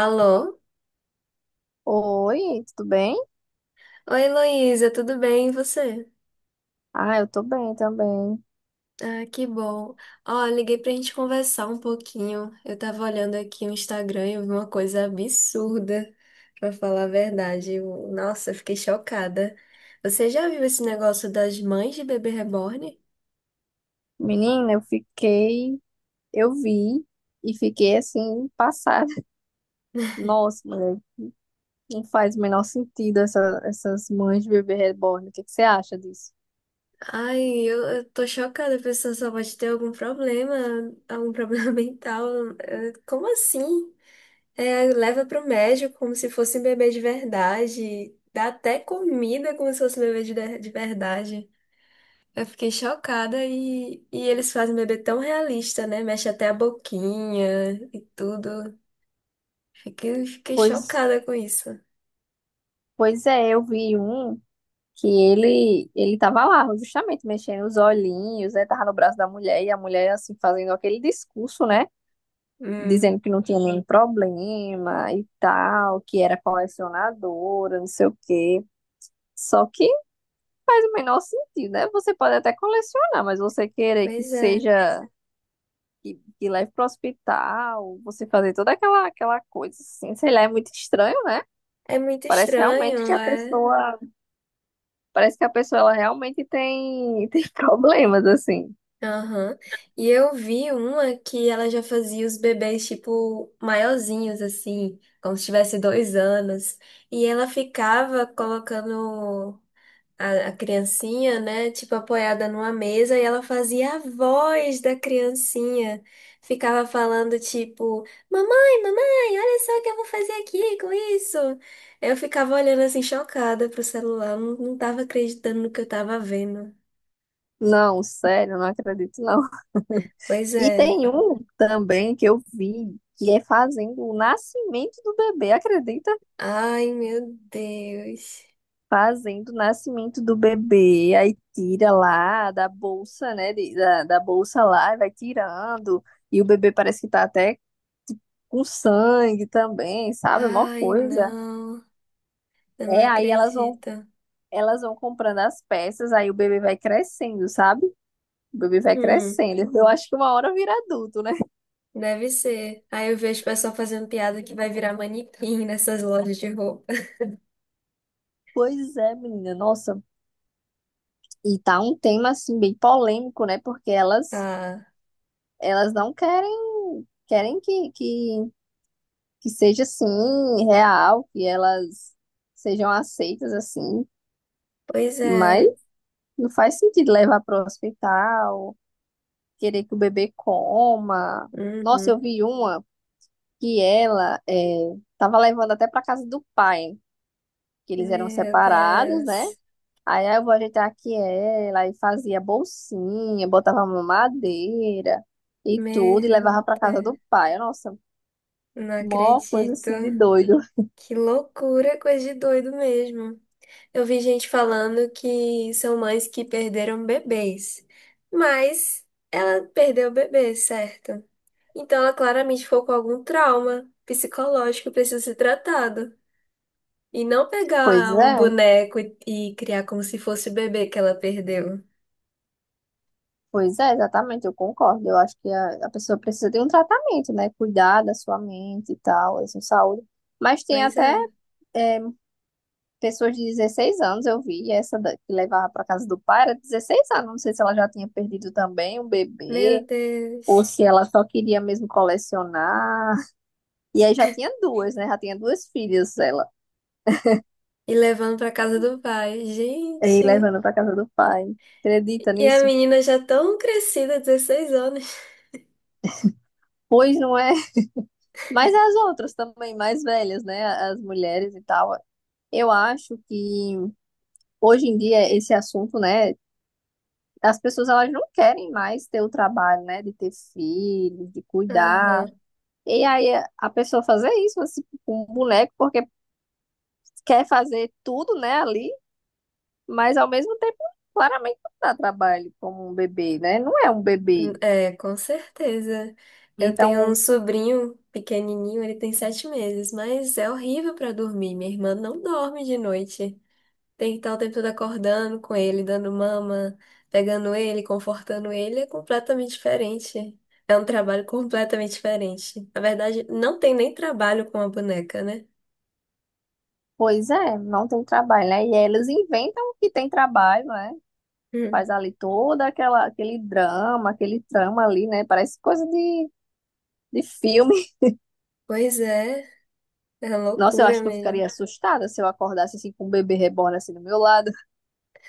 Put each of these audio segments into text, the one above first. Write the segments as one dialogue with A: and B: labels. A: Alô?
B: Oi, tudo bem?
A: Oi, Heloísa, tudo bem? E você?
B: Ah, eu tô bem também.
A: Ah, que bom. Ó, liguei pra gente conversar um pouquinho. Eu tava olhando aqui o Instagram e eu vi uma coisa absurda, pra falar a verdade. Nossa, eu fiquei chocada. Você já viu esse negócio das mães de bebê reborn?
B: Menina, eu fiquei, eu vi e fiquei assim, passada. Nossa, mulher, não faz o menor sentido essas mães de bebê reborn. O que que você acha disso?
A: Ai, eu tô chocada. A pessoa só pode ter algum problema, algum problema mental. Como assim? É, leva pro médico como se fosse um bebê de verdade. Dá até comida como se fosse um bebê de verdade. Eu fiquei chocada e eles fazem um bebê tão realista, né? Mexe até a boquinha e tudo. Fiquei
B: Pois,
A: chocada com isso.
B: pois é, eu vi um que ele tava lá, justamente mexendo os olhinhos, né? Tava no braço da mulher e a mulher, assim, fazendo aquele discurso, né?
A: Hum.
B: Dizendo que não tinha nenhum problema e tal, que era colecionadora, não sei o quê. Só que faz o menor sentido, né? Você pode até colecionar, mas você querer que
A: Pois é.
B: seja, que leve para o hospital, você fazer toda aquela coisa assim, sei lá, é muito estranho, né?
A: É muito
B: Parece realmente
A: estranho.
B: que a
A: É.
B: pessoa, Parece que a pessoa ela realmente tem problemas, assim.
A: Aham. E eu vi uma que ela já fazia os bebês, tipo, maiorzinhos, assim, como se tivesse 2 anos. E ela ficava colocando a criancinha, né, tipo, apoiada numa mesa, e ela fazia a voz da criancinha. Ficava falando, tipo, mamãe, mamãe, olha só o que eu vou fazer aqui com isso. Eu ficava olhando, assim, chocada pro celular, não tava acreditando no que eu tava vendo.
B: Não, sério, não acredito, não.
A: Pois
B: E
A: é.
B: tem um também que eu vi, que é fazendo o nascimento do bebê, acredita?
A: Ai, meu Deus.
B: Fazendo o nascimento do bebê, aí tira lá da bolsa, né, da bolsa lá, e vai tirando, e o bebê parece que tá até com sangue também, sabe? É mó
A: Ai,
B: coisa.
A: não. Eu não
B: É, aí elas vão,
A: acredito.
B: elas vão comprando as peças, aí o bebê vai crescendo, sabe? O bebê vai
A: Hum,
B: crescendo. Eu acho que uma hora vira adulto, né?
A: deve ser. Aí eu vejo o pessoal fazendo piada que vai virar manequim nessas lojas de roupa.
B: Pois é, menina, nossa. E tá um tema assim bem polêmico, né? Porque elas
A: Tá.
B: elas não querem que seja assim, real, que elas sejam aceitas assim,
A: Pois
B: mas
A: é.
B: não faz sentido levar para o hospital, querer que o bebê coma. Nossa, eu
A: Uhum.
B: vi uma que ela estava levando até para casa do pai, que eles eram
A: Meu
B: separados, né?
A: Deus.
B: Aí ah, eu vou ajeitar aqui ela e fazia bolsinha, botava mamadeira e tudo, e
A: Meu
B: levava para casa
A: Deus.
B: do pai. Nossa,
A: Não
B: mó coisa
A: acredito.
B: assim de doido.
A: Que loucura, coisa de doido mesmo. Eu vi gente falando que são mães que perderam bebês, mas ela perdeu o bebê, certo? Então ela claramente ficou com algum trauma psicológico que precisa ser tratado. E não
B: Pois
A: pegar um
B: é.
A: boneco e criar como se fosse o bebê que ela perdeu.
B: Pois é, exatamente, eu concordo. Eu acho que a pessoa precisa de um tratamento, né? Cuidar da sua mente e tal, da sua saúde. Mas tem
A: Pois
B: até
A: é.
B: é, pessoas de 16 anos, eu vi, essa que levava para casa do pai era 16 anos. Não sei se ela já tinha perdido também um
A: Meu
B: bebê, ou
A: Deus.
B: se ela só queria mesmo colecionar. E aí já tinha duas, né? Já tinha duas filhas ela,
A: E levando pra casa do pai.
B: e
A: Gente.
B: levando para casa do pai. Acredita
A: E a
B: nisso?
A: menina já tão crescida, 16 anos.
B: Pois não é. Mas as outras também, mais velhas, né? As mulheres e tal. Eu acho que hoje em dia esse assunto, né, as pessoas elas não querem mais ter o trabalho, né, de ter filhos, de cuidar.
A: Aham.
B: E aí a pessoa fazer isso assim, com um boneco porque quer fazer tudo, né, ali, mas ao mesmo tempo claramente não dá trabalho como um bebê, né? Não é um bebê.
A: É, com certeza. Eu tenho um
B: Então,
A: sobrinho pequenininho, ele tem 7 meses, mas é horrível pra dormir. Minha irmã não dorme de noite. Tem que estar o tempo todo acordando com ele, dando mama, pegando ele, confortando ele. É completamente diferente. É um trabalho completamente diferente. Na verdade, não tem nem trabalho com a boneca, né?
B: pois é, não tem trabalho, né? E elas inventam que tem trabalho, né? Faz
A: Hum.
B: ali toda aquela aquele drama, aquele trama ali, né? Parece coisa de filme.
A: Pois é, é uma
B: Nossa, eu
A: loucura
B: acho que eu ficaria
A: mesmo.
B: assustada se eu acordasse assim com um bebê reborn assim do meu lado.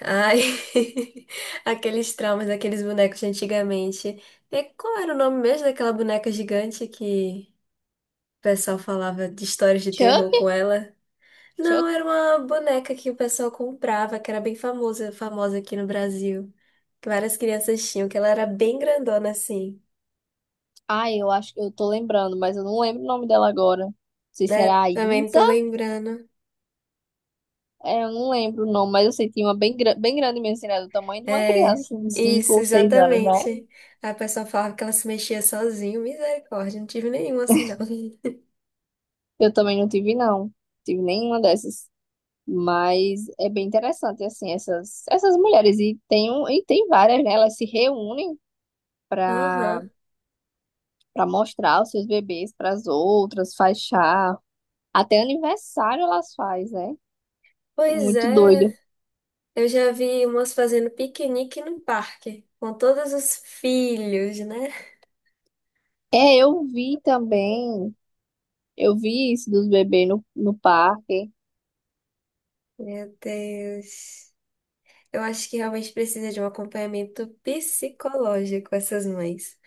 A: Ai, aqueles traumas daqueles bonecos de antigamente. E qual era o nome mesmo daquela boneca gigante que o pessoal falava de histórias de
B: Chuck?
A: terror com ela?
B: Chuck?
A: Não, era uma boneca que o pessoal comprava, que era bem famosa, famosa aqui no Brasil. Que várias crianças tinham, que ela era bem grandona assim.
B: Ai, eu acho que eu tô lembrando, mas eu não lembro o nome dela agora. Não sei se
A: Né?
B: era a
A: Também não
B: Isa.
A: tô lembrando.
B: É, eu não lembro o nome, mas eu sei que tinha uma bem grande mesmo, assim, né? Do tamanho de uma criança,
A: É,
B: assim, de cinco
A: isso,
B: ou seis anos, né?
A: exatamente. Aí o pessoal falava que ela se mexia sozinha. Misericórdia, não tive nenhum assim, não.
B: Eu também não tive, não. Tive nenhuma dessas. Mas é bem interessante, assim, essas mulheres. E E tem várias, né? Elas se reúnem para
A: Aham.
B: para mostrar os seus bebês para as outras, faz chá, até aniversário elas faz, né?
A: Pois
B: Muito
A: é,
B: doido.
A: eu já vi umas fazendo piquenique no parque, com todos os filhos, né?
B: É, eu vi também, eu vi isso dos bebês no parque.
A: Meu Deus. Eu acho que realmente precisa de um acompanhamento psicológico essas mães.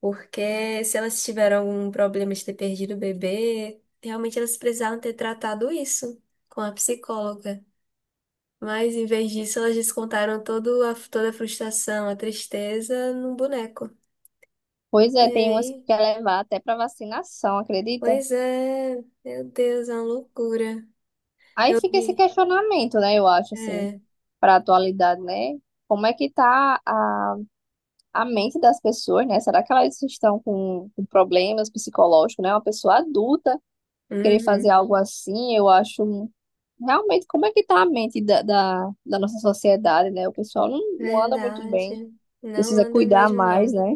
A: Porque se elas tiveram algum problema de ter perdido o bebê, realmente elas precisaram ter tratado isso com a psicóloga. Mas em vez disso, elas descontaram toda a frustração, a tristeza num boneco.
B: Pois
A: E
B: é, tem umas que
A: aí?
B: quer levar até para vacinação, acredita?
A: Pois é, meu Deus, é uma loucura.
B: Aí
A: Eu
B: fica esse
A: vi.
B: questionamento, né? Eu acho assim,
A: É,
B: para atualidade, né? Como é que tá a mente das pessoas, né? Será que elas estão com problemas psicológicos, né? Uma pessoa adulta querer
A: uhum,
B: fazer algo assim, eu acho realmente como é que tá a mente da nossa sociedade, né? O pessoal não anda muito bem,
A: verdade. Não
B: precisa
A: anda
B: cuidar
A: mesmo,
B: mais,
A: não.
B: né?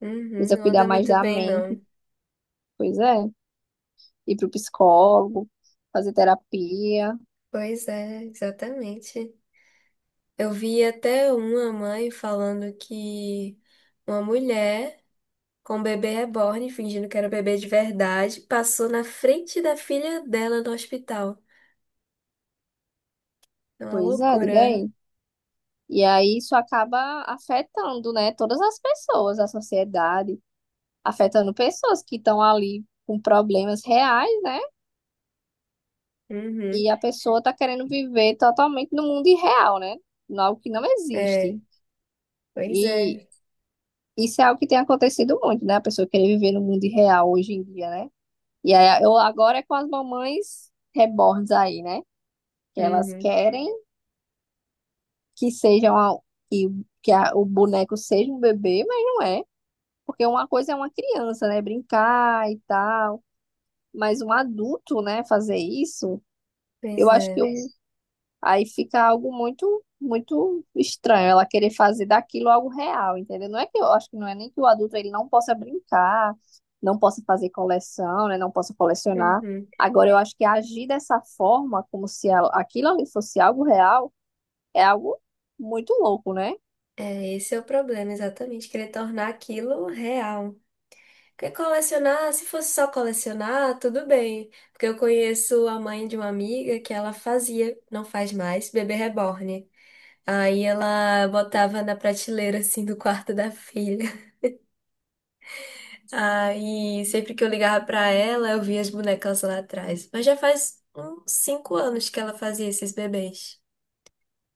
A: Uhum,
B: Precisa
A: não
B: cuidar
A: anda
B: mais
A: muito
B: da
A: bem,
B: mente,
A: não.
B: pois é. Ir pro psicólogo, fazer terapia,
A: Pois é, exatamente. Eu vi até uma mãe falando que uma mulher com um bebê reborn, fingindo que era bebê de verdade, passou na frente da filha dela no hospital. É uma
B: pois é, diga
A: loucura.
B: aí. E aí isso acaba afetando, né, todas as pessoas, a sociedade, afetando pessoas que estão ali com problemas reais, né?
A: Uhum,
B: E a pessoa tá querendo viver totalmente no mundo irreal, né? Algo que não existe.
A: é, pois
B: E
A: é.
B: isso é algo que tem acontecido muito, né? A pessoa querer viver no mundo real hoje em dia, né? E aí, eu agora é com as mamães reborns aí, né? Que elas
A: Uhum,
B: querem que seja uma, que, que o boneco seja um bebê, mas não é. Porque uma coisa é uma criança, né? Brincar e tal. Mas um adulto, né? Fazer isso,
A: pois
B: eu acho que
A: é.
B: o, aí fica algo muito, muito estranho ela querer fazer daquilo algo real, entendeu? Não é que eu acho que não é nem que o adulto ele não possa brincar, não possa fazer coleção, né? Não possa colecionar.
A: Uhum.
B: Agora eu acho que agir dessa forma, como se aquilo ali fosse algo real, é algo muito louco, né?
A: É, esse é o problema, exatamente, querer tornar aquilo real. Porque colecionar, se fosse só colecionar, tudo bem. Porque eu conheço a mãe de uma amiga que ela fazia, não faz mais, bebê reborn. Aí ela botava na prateleira, assim, do quarto da filha. Aí sempre que eu ligava pra ela, eu via as bonecas lá atrás. Mas já faz uns 5 anos que ela fazia esses bebês.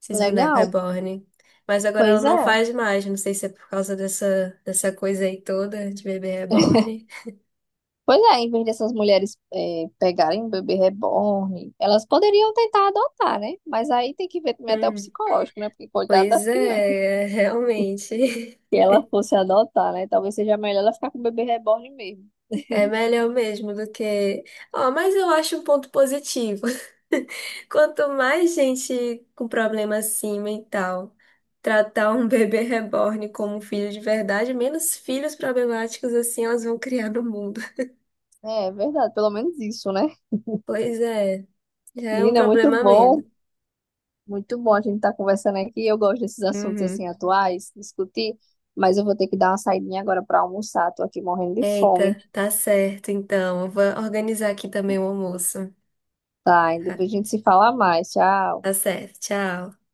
A: Esses bonecos
B: Legal,
A: reborn. Mas agora ela
B: pois
A: não
B: é.
A: faz mais. Não sei se é por causa dessa coisa aí toda de bebê reborn.
B: Pois é, em vez dessas mulheres pegarem um bebê reborn, elas poderiam tentar adotar, né? Mas aí tem que ver também até o
A: Hum,
B: psicológico, né? Porque coitado
A: Pois
B: das crianças.
A: é, é, realmente.
B: Que ela fosse adotar, né? Talvez seja melhor ela ficar com o bebê reborn mesmo.
A: É melhor mesmo do que. Ó, mas eu acho um ponto positivo. Quanto mais gente com problema assim mental tratar um bebê reborn como um filho de verdade, menos filhos problemáticos assim elas vão criar no mundo.
B: É, é verdade, pelo menos isso, né?
A: Pois é, já é um
B: Menina,
A: problema a menos.
B: muito bom a gente estar conversando aqui. Eu gosto desses assuntos
A: Uhum.
B: assim atuais, discutir, mas eu vou ter que dar uma saidinha agora para almoçar. Tô aqui morrendo de fome,
A: Eita, tá certo, então. Eu vou organizar aqui também o almoço.
B: tá? E
A: Tá,
B: depois a gente se fala mais. Tchau.
A: tá certo, tchau.